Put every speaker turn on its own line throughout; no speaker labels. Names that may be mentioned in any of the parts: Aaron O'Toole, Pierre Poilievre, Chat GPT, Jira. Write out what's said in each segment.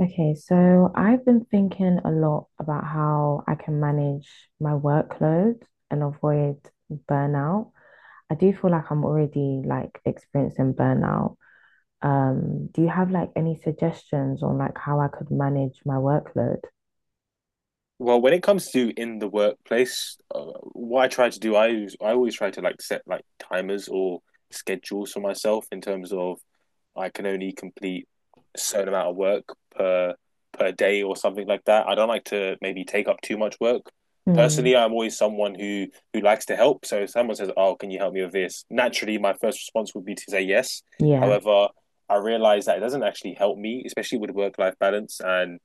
Okay, so I've been thinking a lot about how I can manage my workload and avoid burnout. I do feel like I'm already like experiencing burnout. Do you have like any suggestions on like how I could manage my workload?
Well, when it comes to in the workplace, what I try to do, I always try to like set like timers or schedules for myself in terms of I can only complete a certain amount of work per per day or something like that. I don't like to maybe take up too much work.
Hmm.
Personally, I'm always someone who likes to help. So if someone says, "Oh, can you help me with this?" Naturally, my first response would be to say yes.
Yeah,
However, I realize that it doesn't actually help me, especially with work life balance. And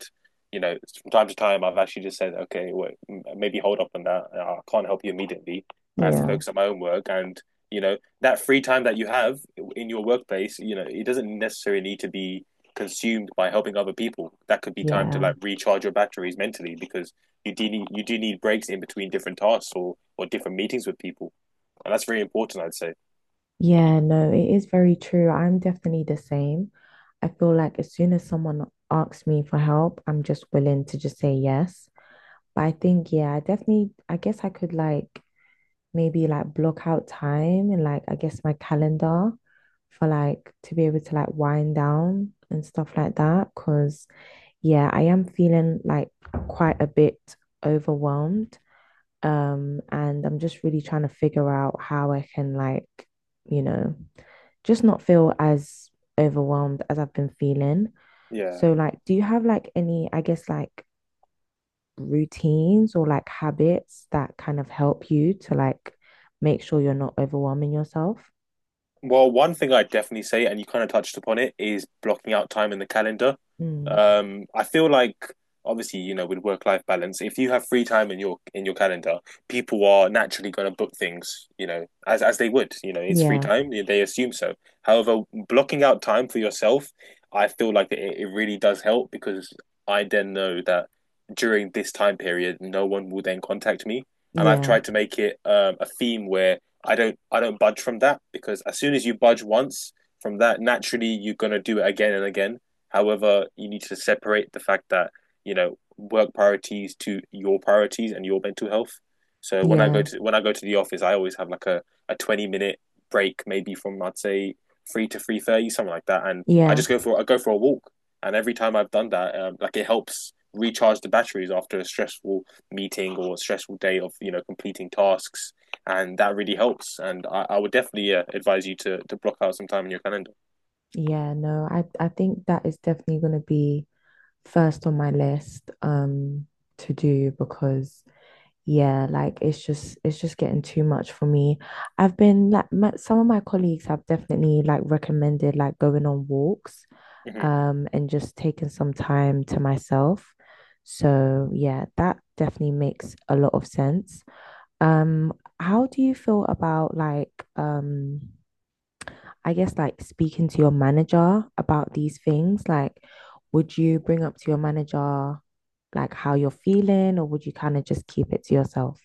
you know, from time to time, I've actually just said, "Okay, well, maybe hold up on that. I can't help you immediately. I have to
yeah,
focus on my own work." And you know, that free time that you have in your workplace, you know, it doesn't necessarily need to be consumed by helping other people. That could be time to
yeah.
like recharge your batteries mentally because you do need breaks in between different tasks or different meetings with people, and that's very important, I'd say.
Yeah, no, it is very true. I'm definitely the same. I feel like as soon as someone asks me for help, I'm just willing to just say yes. But I think, yeah, I definitely, I guess I could like maybe like block out time and like, I guess my calendar for like to be able to like wind down and stuff like that. Cause yeah, I am feeling like quite a bit overwhelmed. And I'm just really trying to figure out how I can like, you know, just not feel as overwhelmed as I've been feeling.
Yeah.
So like, do you have like any, I guess like routines or like habits that kind of help you to like make sure you're not overwhelming yourself.
Well, one thing I definitely say, and you kind of touched upon it, is blocking out time in the calendar.
Mm.
I feel like obviously, you know, with work-life balance, if you have free time in your calendar, people are naturally going to book things, you know, as they would. You know, it's free
Yeah,
time, they assume so. However, blocking out time for yourself, I feel like it really does help because I then know that during this time period, no one will then contact me. And I've
yeah,
tried to make it a theme where I don't budge from that because as soon as you budge once from that, naturally you're gonna do it again and again. However, you need to separate the fact that you know work priorities to your priorities and your mental health. So when I go
yeah,
to when I go to the office, I always have like a 20-minute break, maybe from I'd say 3 to 3:30, something like that. And I
yeah,
just go for I go for a walk, and every time I've done that, like it helps recharge the batteries after a stressful meeting or a stressful day of you know completing tasks and that really helps. And I would definitely advise you to block out some time in your calendar.
yeah. No, I think that is definitely going to be first on my list to do because yeah, like it's just getting too much for me. I've been like my, some of my colleagues have definitely like recommended like going on walks,
Mhm.
and just taking some time to myself. So, yeah, that definitely makes a lot of sense. Um, how do you feel about like, I guess like speaking to your manager about these things? Like, would you bring up to your manager like how you're feeling, or would you kind of just keep it to yourself?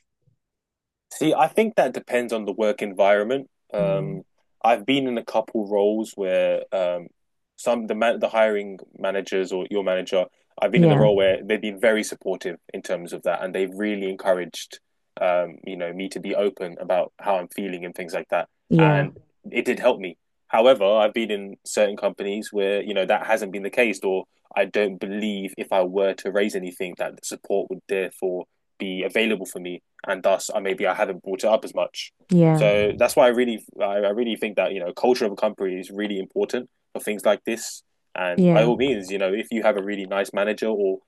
See, I think that depends on the work environment.
Mm.
I've been in a couple roles where the hiring managers or your manager, I've been in the
Yeah,
role where they've been very supportive in terms of that, and they've really encouraged you know, me to be open about how I'm feeling and things like that.
yeah,
And it did help me. However, I've been in certain companies where, you know, that hasn't been the case, or I don't believe if I were to raise anything that the support would therefore be available for me and thus I maybe I haven't brought it up as much.
yeah,
So that's why I really think that you know culture of a company is really important for things like this. And by
yeah,
all means, you know, if you have a really nice manager or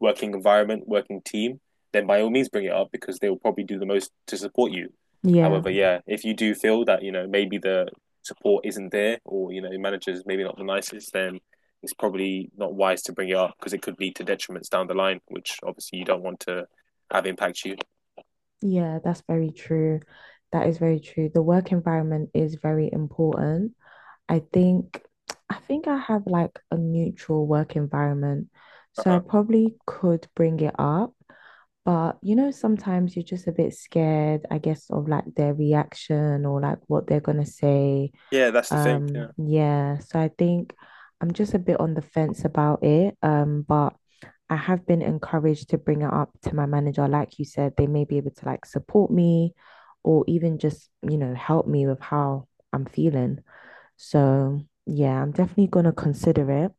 working environment, working team, then by all means bring it up because they will probably do the most to support you.
yeah.
However, yeah, if you do feel that you know maybe the support isn't there or you know managers maybe not the nicest, then it's probably not wise to bring it up because it could lead to detriments down the line, which obviously you don't want to have impact you.
Yeah, that's very true. That is very true. The work environment is very important. I think I think I have like a neutral work environment. So I
Uh-huh.
probably could bring it up, but you know, sometimes you're just a bit scared, I guess, of like their reaction or like what they're gonna say.
Yeah, that's the thing. Yeah.
Yeah, so I think I'm just a bit on the fence about it. But I have been encouraged to bring it up to my manager. Like you said, they may be able to like support me or even just, you know, help me with how I'm feeling. So yeah, I'm definitely gonna consider it.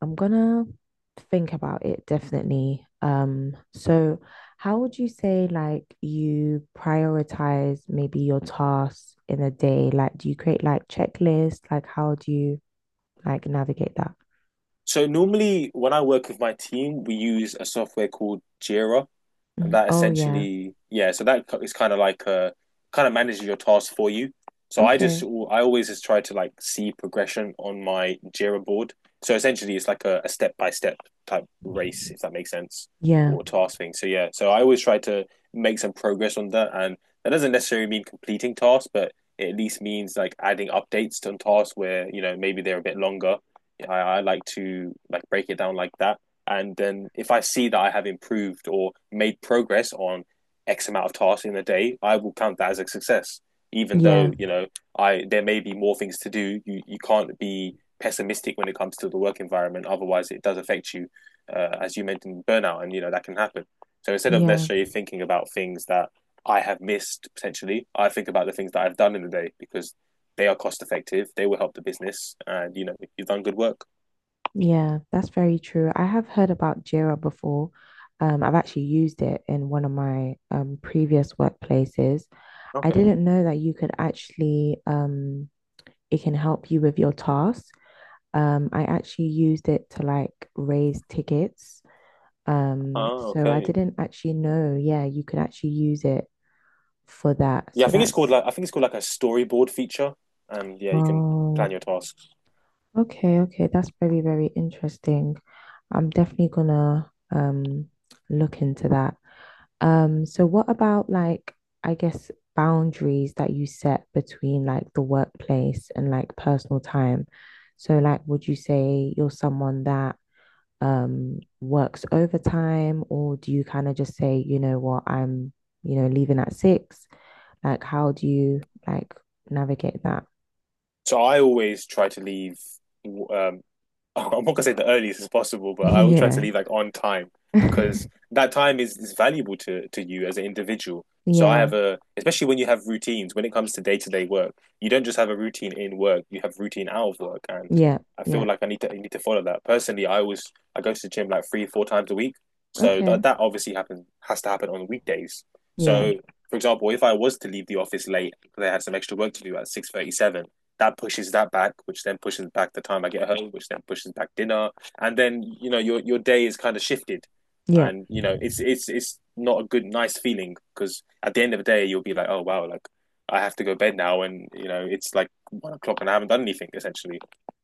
I'm gonna think about it definitely. So how would you say like you prioritize maybe your tasks in a day? Like, do you create like checklists? Like, how do you like navigate that?
So normally when I work with my team, we use a software called Jira, and
Mhm.
that
Oh yeah.
essentially, yeah, so that is kind of like kind of manages your tasks for you, so
Okay.
I always just try to like see progression on my Jira board. So essentially it's like a step-by-step type race, if that makes sense,
Yeah.
or task thing. So yeah, so I always try to make some progress on that, and that doesn't necessarily mean completing tasks but it at least means like adding updates on tasks where you know maybe they're a bit longer. Yeah, I like to like break it down like that, and then if I see that I have improved or made progress on X amount of tasks in a day, I will count that as a success. Even though,
Yeah.
you know, I there may be more things to do. You can't be pessimistic when it comes to the work environment. Otherwise, it does affect you, as you mentioned, burnout, and you know that can happen. So instead of
Yeah.
necessarily thinking about things that I have missed potentially, I think about the things that I've done in the day because they are cost effective. They will help the business, and you know you've done good work.
Yeah. That's very true. I have heard about Jira before. I've actually used it in one of my previous workplaces. I
Okay.
didn't know that you could actually it can help you with your tasks. I actually used it to like raise tickets.
Oh,
So I
okay.
didn't actually know, yeah, you could actually use it for that.
Yeah,
So that's,
I think it's called like a storyboard feature, and yeah, you can plan
oh,
your tasks.
okay, okay. That's very, very interesting. I'm definitely gonna look into that. So what about like, I guess boundaries that you set between like the workplace and like personal time? So like, would you say you're someone that works overtime or do you kind of just say, you know what, I'm, you know, leaving at six? Like how do you like navigate that?
So I always try to leave um, I'm not gonna say the earliest as possible, but I will try to
Yeah.
leave like on time because that time is valuable to you as an individual. So I
Yeah.
have a, especially when you have routines, when it comes to day-to-day work, you don't just have a routine in work, you have routine out of work, and
Yeah.
I feel
Yeah.
like I need to follow that. Personally, I go to the gym like three, four times a week, so
Okay.
that obviously happen has to happen on weekdays.
Yeah.
So, for example, if I was to leave the office late because I had some extra work to do at 6:37, that pushes that back, which then pushes back the time I get home, which then pushes back dinner, and then you know your day is kind of shifted,
Yeah.
and you know it's not a good nice feeling because at the end of the day you'll be like, oh wow, like I have to go to bed now, and you know it's like 1 o'clock and I haven't done anything essentially,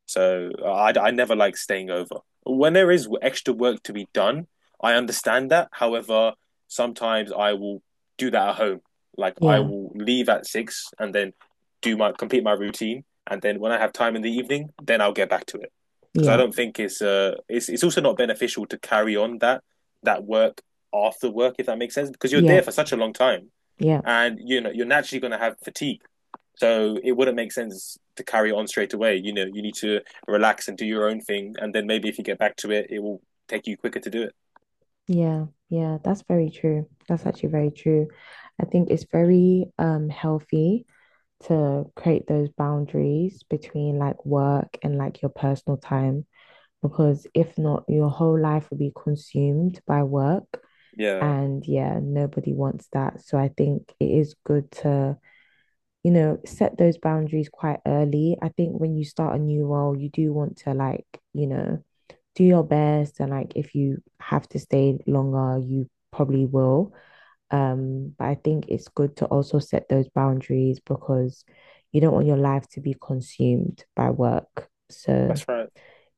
so I never like staying over. When there is extra work to be done, I understand that. However, sometimes I will do that at home. Like I
Yeah.
will leave at six and then do my complete my routine and then when I have time in the evening, then I'll get back to it because I
Yeah.
don't think it's also not beneficial to carry on that work after work, if that makes sense, because you're
Yeah.
there for such a long time
Yeah.
and you know you're naturally going to have fatigue, so it wouldn't make sense to carry on straight away. You know, you need to relax and do your own thing, and then maybe if you get back to it it will take you quicker to do it.
Yeah. Yeah. That's very true. That's actually very true. I think it's very healthy to create those boundaries between like work and like your personal time because if not, your whole life will be consumed by work.
Yeah,
And yeah, nobody wants that. So I think it is good to, you know, set those boundaries quite early. I think when you start a new role, you do want to, like, you know, do your best. And like, if you have to stay longer, you probably will. But I think it's good to also set those boundaries because you don't want your life to be consumed by work. So,
that's right.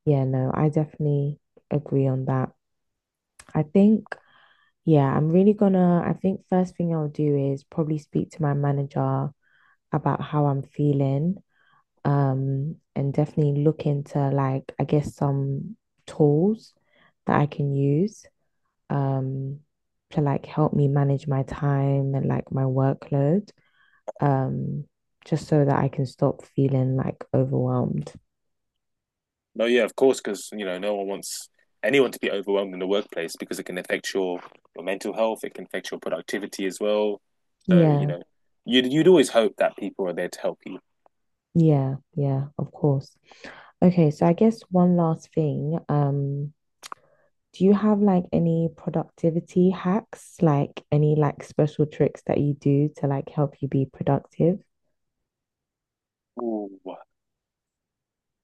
yeah, no, I definitely agree on that. I think, yeah, I'm really gonna, I think first thing I'll do is probably speak to my manager about how I'm feeling. And definitely look into like, I guess some tools that I can use, um, to like help me manage my time and like my workload. Um, just so that I can stop feeling like overwhelmed.
No, yeah, of course, because you know no one wants anyone to be overwhelmed in the workplace because it can affect your mental health. It can affect your productivity as well. So you
Yeah,
know, you'd always hope that people are there to help you.
yeah, yeah, of course. Okay, so I guess one last thing, do you have like any productivity hacks, like any like special tricks that you do to like help you be productive?
Ooh.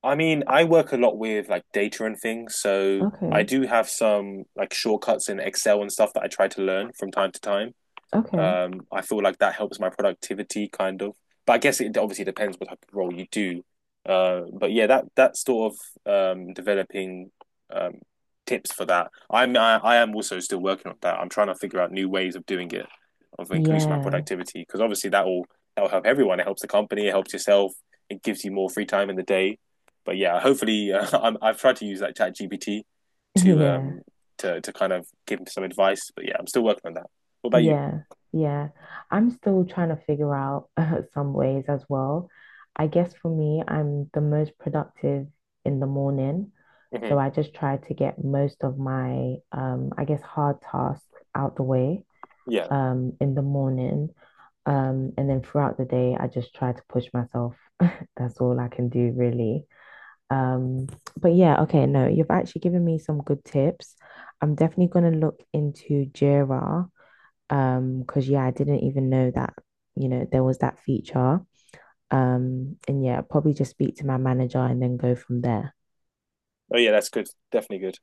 I mean, I work a lot with like data and things, so I
Okay.
do have some like shortcuts in Excel and stuff that I try to learn from time to time.
Okay.
I feel like that helps my productivity kind of, but I guess it obviously depends what type of role you do. But yeah, that sort of developing um, tips for that. I am also still working on that. I'm trying to figure out new ways of doing it, of increasing my
Yeah,
productivity because obviously that will help everyone. It helps the company, it helps yourself, it gives you more free time in the day. But yeah, hopefully I've tried to use that Chat GPT to
yeah,
to kind of give some advice. But yeah, I'm still working on that. What about you?
yeah, yeah. I'm still trying to figure out some ways as well. I guess for me, I'm the most productive in the morning. So
Mm-hmm.
I just try to get most of my, I guess, hard tasks out the way.
Yeah.
In the morning. And then throughout the day, I just try to push myself. That's all I can do, really. Um, but yeah, okay, no, you've actually given me some good tips. I'm definitely going to look into Jira, because yeah, I didn't even know that, you know, there was that feature. And yeah, probably just speak to my manager and then go from there.
Oh yeah, that's good. Definitely good.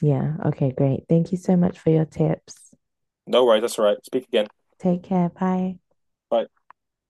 Yeah, okay, great. Thank you so much for your tips.
No worries. That's all right. Speak again.
Take care. Bye.
Bye.